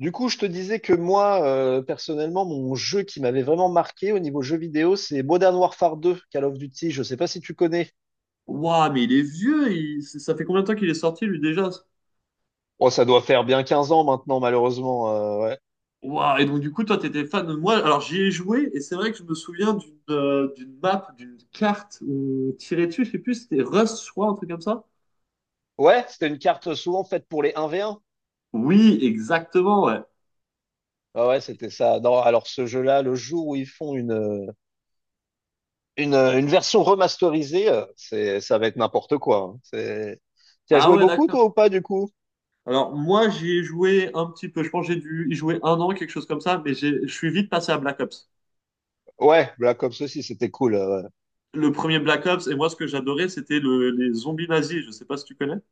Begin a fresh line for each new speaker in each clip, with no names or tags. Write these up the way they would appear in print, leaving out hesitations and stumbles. Du coup, je te disais que moi, personnellement, mon jeu qui m'avait vraiment marqué au niveau jeu vidéo, c'est Modern Warfare 2, Call of Duty. Je sais pas si tu connais.
Ouah, mais il est vieux, ça fait combien de temps qu'il est sorti lui déjà?
Oh, ça doit faire bien 15 ans maintenant, malheureusement. Ouais.
Ouah, et donc du coup toi t'étais fan de moi. Alors j'y ai joué et c'est vrai que je me souviens d'une d'une map, d'une carte où on tirait dessus, je sais plus, si c'était Rust, je crois, un truc comme ça.
Ouais, c'était une carte souvent faite pour les 1v1.
Oui, exactement, ouais.
Ah ouais, c'était ça. Non, alors ce jeu-là, le jour où ils font une version remasterisée, ça va être n'importe quoi, hein. C'est... Tu as
Ah
joué
ouais,
beaucoup,
d'accord.
toi, ou pas, du coup?
Alors moi j'y ai joué un petit peu, je pense que j'ai dû y jouer un an, quelque chose comme ça, mais je suis vite passé à Black Ops.
Ouais, Black Ops aussi, c'était cool. Ouais.
Le premier Black Ops, et moi ce que j'adorais c'était les zombies nazis, je sais pas si tu connais.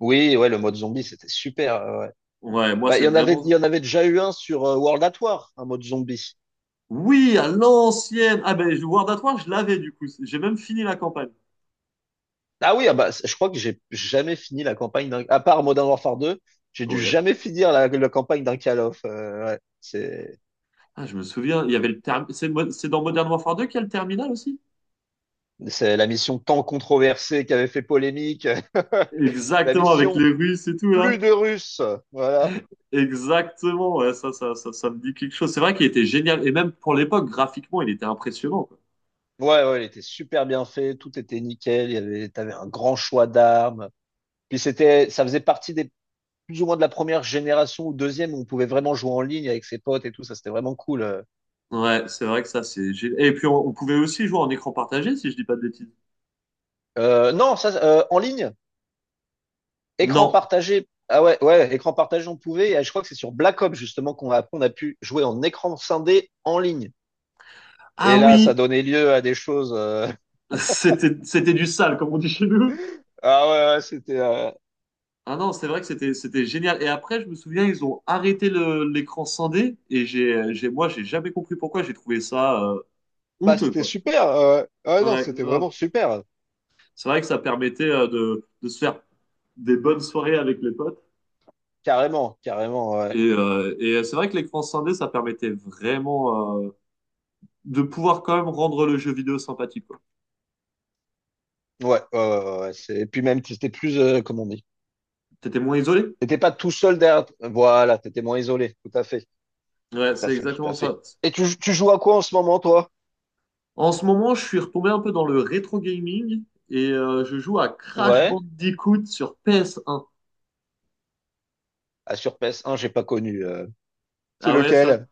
Oui, ouais, le mode zombie, c'était super. Ouais.
Ouais, moi
Bah,
c'est
il
vraiment...
y en avait déjà eu un sur World at War, un mode zombie.
Oui, à l'ancienne. Ah ben, World at War, je l'avais du coup. J'ai même fini la campagne.
Ah oui, ah bah, je crois que j'ai jamais fini la campagne d'un, à part Modern Warfare 2, j'ai dû
Ouais.
jamais finir la campagne d'un Call of. Ouais.
Ah, je me souviens, il y avait le terme. C'est dans Modern Warfare 2 qu'il y a le terminal aussi?
C'est la mission tant controversée qui avait fait polémique. La
Exactement, avec les
mission
Russes et tout
plus
là.
de Russes. Voilà.
Exactement, ouais, ça me dit quelque chose. C'est vrai qu'il était génial. Et même pour l'époque, graphiquement, il était impressionnant, quoi.
Ouais, elle était super bien faite. Tout était nickel. T'avais un grand choix d'armes. Puis ça faisait partie des, plus ou moins de la première génération ou deuxième, où on pouvait vraiment jouer en ligne avec ses potes et tout. Ça, c'était vraiment cool.
Ouais, c'est vrai que ça, Et puis, on pouvait aussi jouer en écran partagé, si je dis pas de bêtises.
Non, ça, En ligne, écran
Non.
partagé. Ah ouais, ouais, écran partagé, on pouvait. Et je crois que c'est sur Black Ops justement qu'on a pu jouer en écran scindé en ligne.
Ah
Et là,
oui,
ça donnait lieu à des choses.
c'était du sale, comme on dit chez nous.
Ah ouais, ouais, c'était, euh,
Ah non, c'est vrai que c'était génial. Et après, je me souviens, ils ont arrêté l'écran scindé et j'ai jamais compris pourquoi. J'ai trouvé ça honteux
C'était
quoi.
super. Ouais, non,
Ouais,
c'était
grave.
vraiment super.
C'est vrai que ça permettait de se faire des bonnes soirées avec les potes.
Carrément, carrément.
Et c'est vrai que l'écran scindé, ça permettait vraiment de pouvoir quand même rendre le jeu vidéo sympathique quoi.
Et puis même, c'était plus, comment on dit,
T'étais moins isolé.
t'étais pas tout seul derrière. Voilà, t'étais moins isolé. Tout à fait,
Ouais, c'est
tout à
exactement
fait.
ça.
Et tu joues à quoi en ce moment, toi?
En ce moment, je suis retombé un peu dans le rétro gaming et je joue à Crash
Ouais.
Bandicoot sur PS1.
Ah, sur PS1, j'ai pas connu. C'est
Ah ouais, ça,
lequel?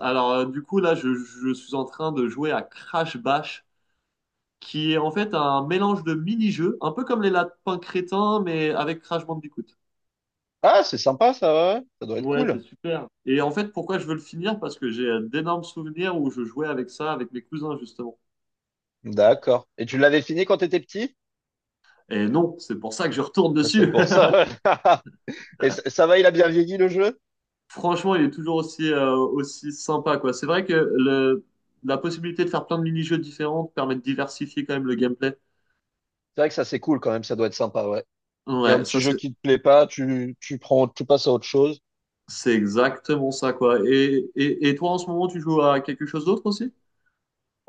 alors, du coup, là, je suis en train de jouer à Crash Bash, qui est en fait un mélange de mini-jeux, un peu comme les lapins crétins, mais avec Crash Bandicoot.
Ah, c'est sympa ça, ouais. Ça doit être
Ouais, c'est
cool.
super. Et en fait, pourquoi je veux le finir? Parce que j'ai d'énormes souvenirs où je jouais avec ça, avec mes cousins, justement.
D'accord. Et tu l'avais fini quand t'étais petit?
Et non, c'est pour ça que je retourne
Ah, c'est
dessus.
pour ça. Et ça va, il a bien vieilli le jeu?
Franchement, il est toujours aussi, aussi sympa, quoi. C'est vrai que la possibilité de faire plein de mini-jeux différents permet de diversifier quand même le gameplay.
C'est vrai que ça c'est cool quand même, ça doit être sympa, ouais. Il y a un
Ouais,
petit
ça,
jeu
c'est
qui te plaît pas, tu prends, tu passes à autre chose.
c'est exactement ça, quoi. Et, et toi, en ce moment, tu joues à quelque chose d'autre aussi?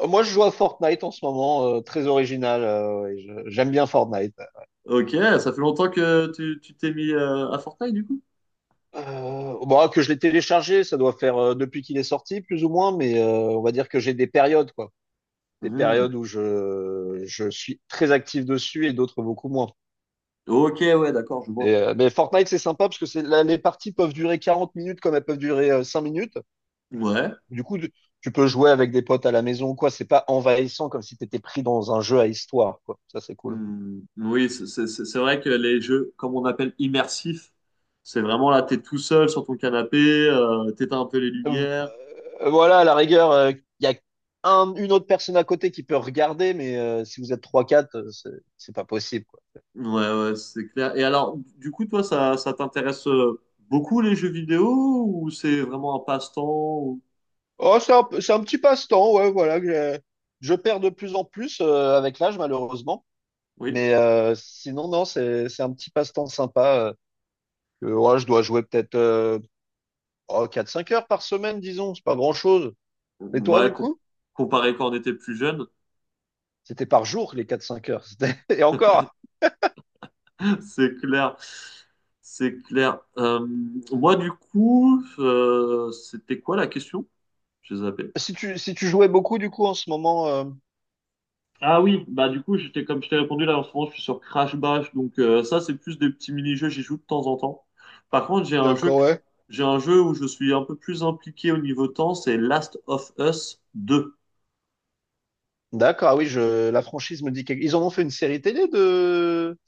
Moi, je joue à Fortnite en ce moment, très original. Ouais, j'aime bien Fortnite.
Ok, ça fait longtemps que tu t'es mis à Fortnite, du coup?
Que je l'ai téléchargé, ça doit faire depuis qu'il est sorti, plus ou moins, mais on va dire que j'ai des périodes, quoi. Des
Hmm.
périodes où je suis très actif dessus et d'autres beaucoup moins.
Ok, ouais, d'accord, je
Et,
vois.
mais Fortnite, c'est sympa parce que c'est, là, les parties peuvent durer 40 minutes comme elles peuvent durer 5 minutes.
Ouais.
Du coup, tu peux jouer avec des potes à la maison ou quoi. C'est pas envahissant comme si tu étais pris dans un jeu à histoire, quoi. Ça, c'est cool.
Hmm. Oui, c'est vrai que les jeux, comme on appelle immersifs, c'est vraiment là, t'es tout seul sur ton canapé, t'éteins un peu les
Euh,
lumières.
voilà, à la rigueur, il y a une autre personne à côté qui peut regarder, mais si vous êtes trois quatre, c'est pas possible, quoi.
Ouais, ouais, c'est clair. Et alors, du coup, toi, ça t'intéresse beaucoup les jeux vidéo ou c'est vraiment un passe-temps ou-
Oh, c'est un petit passe-temps, ouais, voilà. Je perds de plus en plus avec l'âge, malheureusement.
Oui.
Mais sinon, non, c'est un petit passe-temps sympa. Ouais, je dois jouer peut-être oh, 4-5 heures par semaine, disons, c'est pas grand-chose. Et toi,
Ouais,
du coup?
comparé quand on était plus jeune,
C'était par jour, les 4-5 heures. C'était- Et encore,
c'est clair. C'est clair. Moi, du coup, c'était quoi la question? J'ai zappé.
si si tu jouais beaucoup, du coup, en ce moment,
Ah oui, bah du coup, j'étais comme je t'ai répondu là en ce moment, je suis sur Crash Bash, donc ça c'est plus des petits mini-jeux, j'y joue de temps en temps. Par contre,
D'accord, ouais.
j'ai un jeu où je suis un peu plus impliqué au niveau temps, c'est Last of Us deux.
D'accord, ah oui, je, la franchise me dit quelque... Ils en ont fait une série télé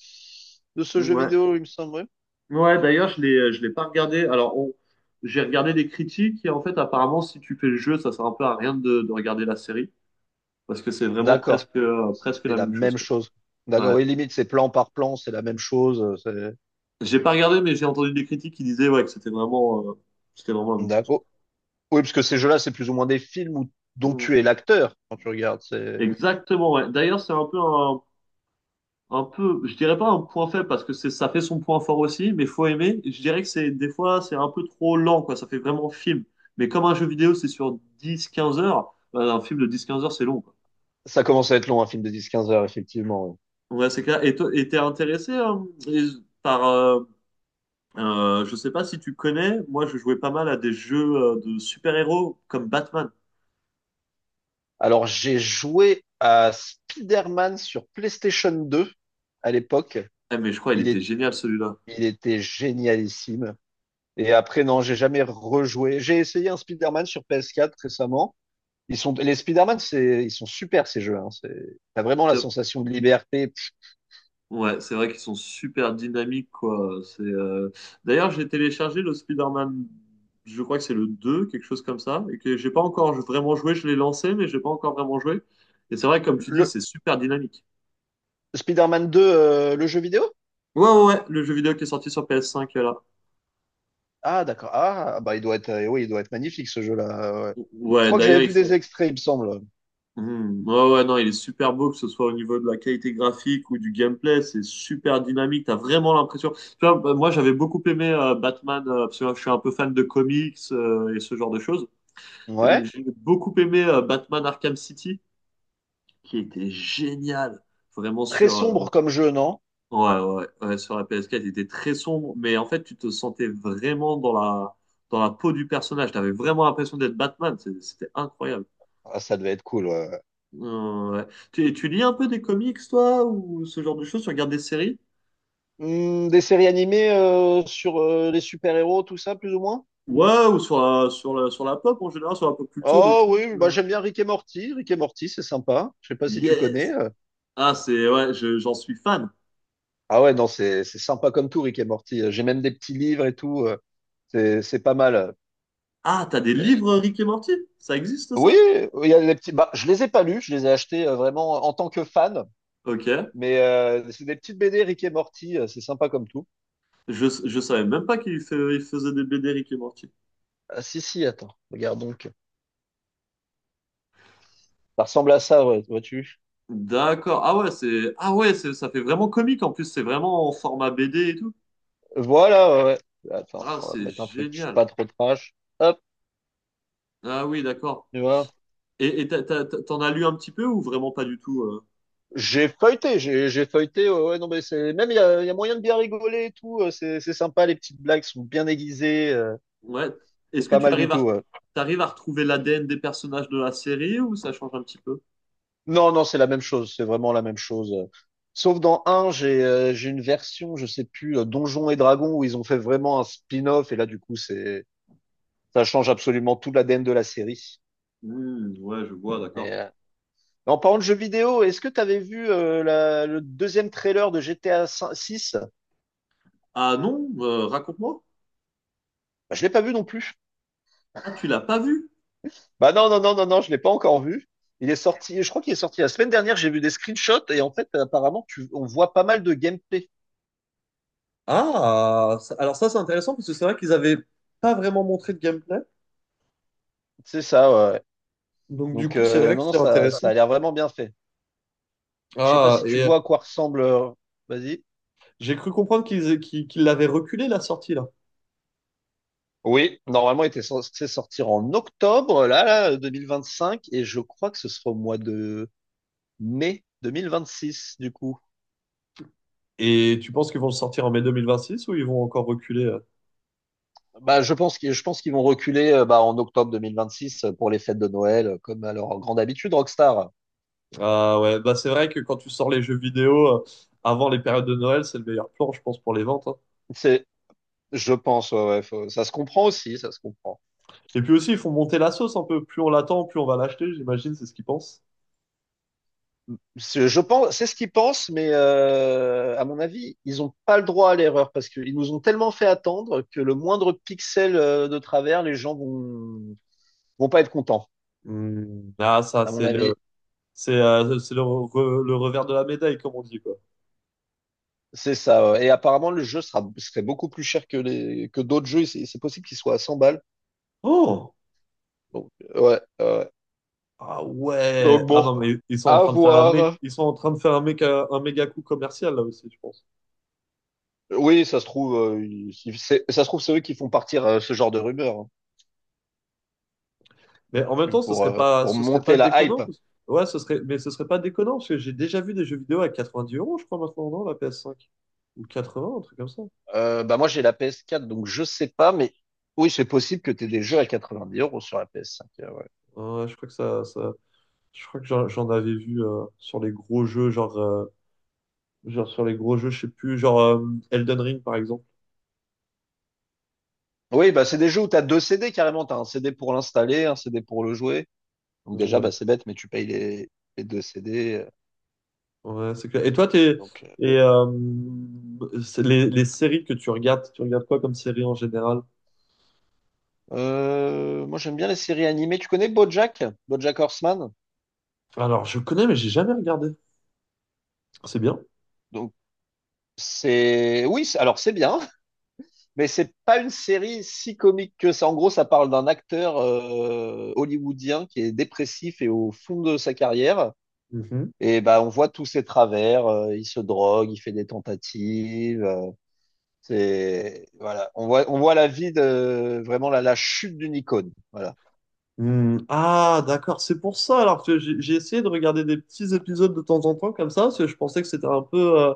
de ce jeu
Ouais.
vidéo, il me semble. Oui.
Ouais, d'ailleurs, je l'ai pas regardé. J'ai regardé des critiques et en fait, apparemment, si tu fais le jeu, ça sert un peu à rien de regarder la série parce que c'est vraiment
D'accord,
presque, presque
c'est
la
la
même chose,
même
quoi.
chose. D'accord,
Ouais.
oui, limite, c'est plan par plan, c'est la même chose.
J'ai pas regardé, mais j'ai entendu des critiques qui disaient ouais que c'était vraiment la même chose.
D'accord. Oui, parce que ces jeux-là, c'est plus ou moins des films
Quoi.
dont
Mm.
tu es l'acteur quand tu regardes. C'est...
Exactement, ouais. D'ailleurs, c'est un peu, je dirais pas un point faible parce que c'est, ça fait son point fort aussi, mais faut aimer. Je dirais que c'est un peu trop lent, quoi. Ça fait vraiment film. Mais comme un jeu vidéo, c'est sur dix, quinze heures. Bah, un film de dix, quinze heures, c'est long. Quoi.
Ça commence à être long, un film de 10, 15 heures, effectivement. Ouais.
Ouais, c'est clair. Et et t'es intéressé hein, et- par... je sais pas si tu connais, moi je jouais pas mal à des jeux de super-héros comme Batman.
Alors, j'ai joué à Spider-Man sur PlayStation 2 à l'époque.
Eh, mais je crois il
Il
était
est,
génial celui-là.
il était génialissime. Et après, non, j'ai jamais rejoué. J'ai essayé un Spider-Man sur PS4 récemment. Les Spider-Man, c'est, ils sont super, ces jeux, hein. C'est, t'as vraiment la
C'est-
sensation de liberté.
Ouais, c'est vrai qu'ils sont super dynamiques, quoi. D'ailleurs, j'ai téléchargé le Spider-Man, je crois que c'est le 2 quelque chose comme ça, et que j'ai pas encore vraiment joué. Je l'ai lancé, mais j'ai pas encore vraiment joué. Et c'est vrai, comme tu dis,
Le
c'est super dynamique.
Spider-Man 2, le jeu vidéo?
Ouais, le jeu vidéo qui est sorti sur PS5, là.
Ah, d'accord. Ah, bah, il doit être, oui, il doit être magnifique, ce jeu-là. Ouais. Je
Ouais,
crois que
d'ailleurs,
j'avais
il
vu des extraits, il me semble.
Hmm. Ouais, ouais, non, il est super beau, que ce soit au niveau de la qualité graphique ou du gameplay, c'est super dynamique, t'as vraiment l'impression. Tu vois, bah, moi j'avais beaucoup aimé Batman, parce que je suis un peu fan de comics et ce genre de choses. Et donc
Ouais.
j'ai beaucoup aimé Batman Arkham City, qui était génial, vraiment
Très
sur,
sombre comme jeu, non?
ouais, sur la PS4, il était très sombre, mais en fait tu te sentais vraiment dans dans la peau du personnage, t'avais vraiment l'impression d'être Batman, c'était incroyable.
Ah, ça devait être cool. Ouais.
Ouais. Tu lis un peu des comics, toi, ou ce genre de choses? Tu regardes des séries?
Hmm, des séries animées sur les super-héros, tout ça, plus ou moins?
Ouais, ou sur sur la pop en général, sur la pop culture, des
Oh
trucs.
oui, bah, j'aime bien Rick et Morty. Rick et Morty, c'est sympa. Je sais pas si tu connais.
Yes! Ah, ouais, j'en suis fan.
Ah ouais, non, c'est sympa comme tout, Rick et Morty. J'ai même des petits livres et tout. C'est pas mal.
Ah, t'as des
Euh,
livres Rick et Morty? Ça existe,
Oui,
ça?
il y a des petits. Bah, je les ai pas lus. Je les ai achetés vraiment en tant que fan.
Ok.
Mais c'est des petites BD Rick et Morty. C'est sympa comme tout.
Je savais même pas il faisait des BD Rick et Morty.
Ah si si, attends, regarde donc. Ça ressemble à ça, ouais, vois-tu?
D'accord. Ah ouais, ah ouais, ça fait vraiment comique. En plus, c'est vraiment en format BD et tout.
Voilà, ouais. Ouais. Attends,
Ah,
on va
c'est
mettre un truc
génial.
pas trop trash. Hop,
Ah oui, d'accord.
tu vois.
Et, t'en as lu un petit peu ou vraiment pas du tout? Euh?
J'ai feuilleté, j'ai feuilleté. Ouais, ouais, non, mais c'est même il y a moyen de bien rigoler et tout. C'est sympa, les petites blagues sont bien aiguisées.
Ouais. Est-ce
C'est
que
pas
tu
mal du
arrives
tout.
à,
Ouais.
t'arrives à retrouver l'ADN des personnages de la série ou ça change un petit peu?
Non, non, c'est la même chose. C'est vraiment la même chose. Sauf dans un, j'ai une version, je sais plus, Donjons et Dragons, où ils ont fait vraiment un spin-off, et là du coup c'est ça change absolument tout la l'ADN de la série.
Hmm, ouais, je vois,
Et,
d'accord.
en parlant de jeux vidéo, est-ce que tu avais vu le deuxième trailer de GTA 6?
Ah non, raconte-moi.
Bah, je l'ai pas vu non plus.
Ah, tu l'as pas vu?
Bah non, je l'ai pas encore vu. Il est sorti, je crois qu'il est sorti la semaine dernière, j'ai vu des screenshots et en fait, apparemment, on voit pas mal de gameplay.
Ah, alors ça c'est intéressant parce que c'est vrai qu'ils avaient pas vraiment montré de gameplay.
C'est ça, ouais. Ouais.
Donc du
Donc,
coup, c'est vrai que
non,
c'est
ça
intéressant.
a l'air vraiment bien fait. Je sais pas
Ah,
si
et
tu vois à quoi ressemble. Vas-y.
j'ai cru comprendre qu'ils l'avaient reculé la sortie là.
Oui, normalement, il était censé sortir en octobre, là, 2025, et je crois que ce sera au mois de mai 2026, du coup.
Et tu penses qu'ils vont le sortir en mai 2026 ou ils vont encore reculer?
Bah, je pense qu'ils vont reculer bah, en octobre 2026, pour les fêtes de Noël, comme à leur grande habitude, Rockstar.
Ah ouais, bah c'est vrai que quand tu sors les jeux vidéo avant les périodes de Noël, c'est le meilleur plan, je pense, pour les ventes. Hein.
C'est, je pense, ouais, ouais, ça se comprend aussi, ça se comprend.
Et puis aussi, ils font monter la sauce un peu. Plus on l'attend, plus on va l'acheter, j'imagine, c'est ce qu'ils pensent.
Je pense, c'est ce qu'ils pensent, mais à mon avis, ils n'ont pas le droit à l'erreur, parce qu'ils nous ont tellement fait attendre que le moindre pixel de travers, les gens vont pas être contents.
Hmm. Ah, ça,
À mon avis,
c'est le revers de la médaille, comme on dit, quoi.
c'est ça. Ouais. Et apparemment, le jeu sera serait beaucoup plus cher que les que d'autres jeux. C'est possible qu'il soit à 100 balles.
Oh!
Donc, ouais.
Ah ouais!
Donc
Ah
bon,
non, mais
à voir.
ils sont en train de faire un mec, un méga coup commercial, là aussi, je pense.
Oui, ça se trouve, ça se trouve, c'est eux qui font partir ce genre de rumeurs, hein.
Mais
Enfin,
en même temps,
pour
ce serait pas
monter la
déconnant.
hype.
Parce- Ouais, mais ce serait pas déconnant, parce que j'ai déjà vu des jeux vidéo à 90 euros, je crois, maintenant, non, la PS5. Ou 80, un truc comme ça.
Bah moi, j'ai la ps quatre, donc je sais pas, mais oui, c'est possible que tu aies des jeux à 90 € sur la ps cinq. Ouais.
Ouais, je crois que ça... Je crois que j'en avais vu sur les gros jeux, genre, genre sur les gros jeux, je sais plus, genre Elden Ring par exemple.
Oui, bah c'est des jeux où tu as deux CD carrément. Tu as un CD pour l'installer, un CD pour le jouer. Donc déjà, bah,
Ouais,
c'est bête, mais tu payes les deux CD.
ouais, c'est clair. Et
Donc,
et c'est les séries que tu regardes quoi comme série en général?
moi, j'aime bien les séries animées. Tu connais BoJack, BoJack Horseman?
Alors, je connais, mais j'ai jamais regardé. C'est bien.
Donc, c'est oui, alors c'est bien. Mais c'est pas une série si comique que ça. En gros, ça parle d'un acteur hollywoodien qui est dépressif et au fond de sa carrière.
Mhm.
Et bah, on voit tous ses travers. Il se drogue, il fait des tentatives. C'est Voilà. On voit la vie de vraiment la chute d'une icône. Voilà.
Hmm, ah, d'accord, c'est pour ça. Alors que j'ai essayé de regarder des petits épisodes de temps en temps comme ça, parce que je pensais que c'était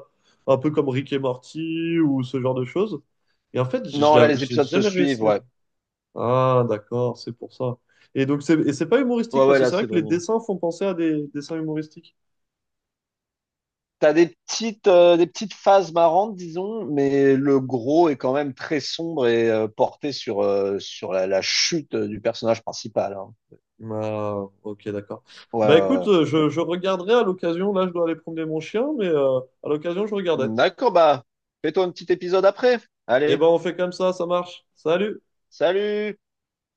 un peu comme Rick et Morty ou ce genre de choses. Et en fait,
Non, là, les
j'ai
épisodes se
jamais
suivent.
réussi.
Ouais.
Ah, d'accord, c'est pour ça. Et donc, et c'est pas
Ouais,
humoristique,
ouais,
parce que
là,
c'est vrai
c'est
que les
vraiment.
dessins font penser à des dessins humoristiques.
T'as des petites phases marrantes, disons, mais le gros est quand même très sombre et porté sur, sur la chute du personnage principal, hein.
Ah, ok, d'accord.
Ouais,
Bah écoute,
ouais,
je regarderai à l'occasion, là je dois aller promener mon chien, mais à l'occasion je regardais.
ouais. D'accord, bah, fais-toi un petit épisode après.
Et
Allez,
ben on fait comme ça marche. Salut!
salut!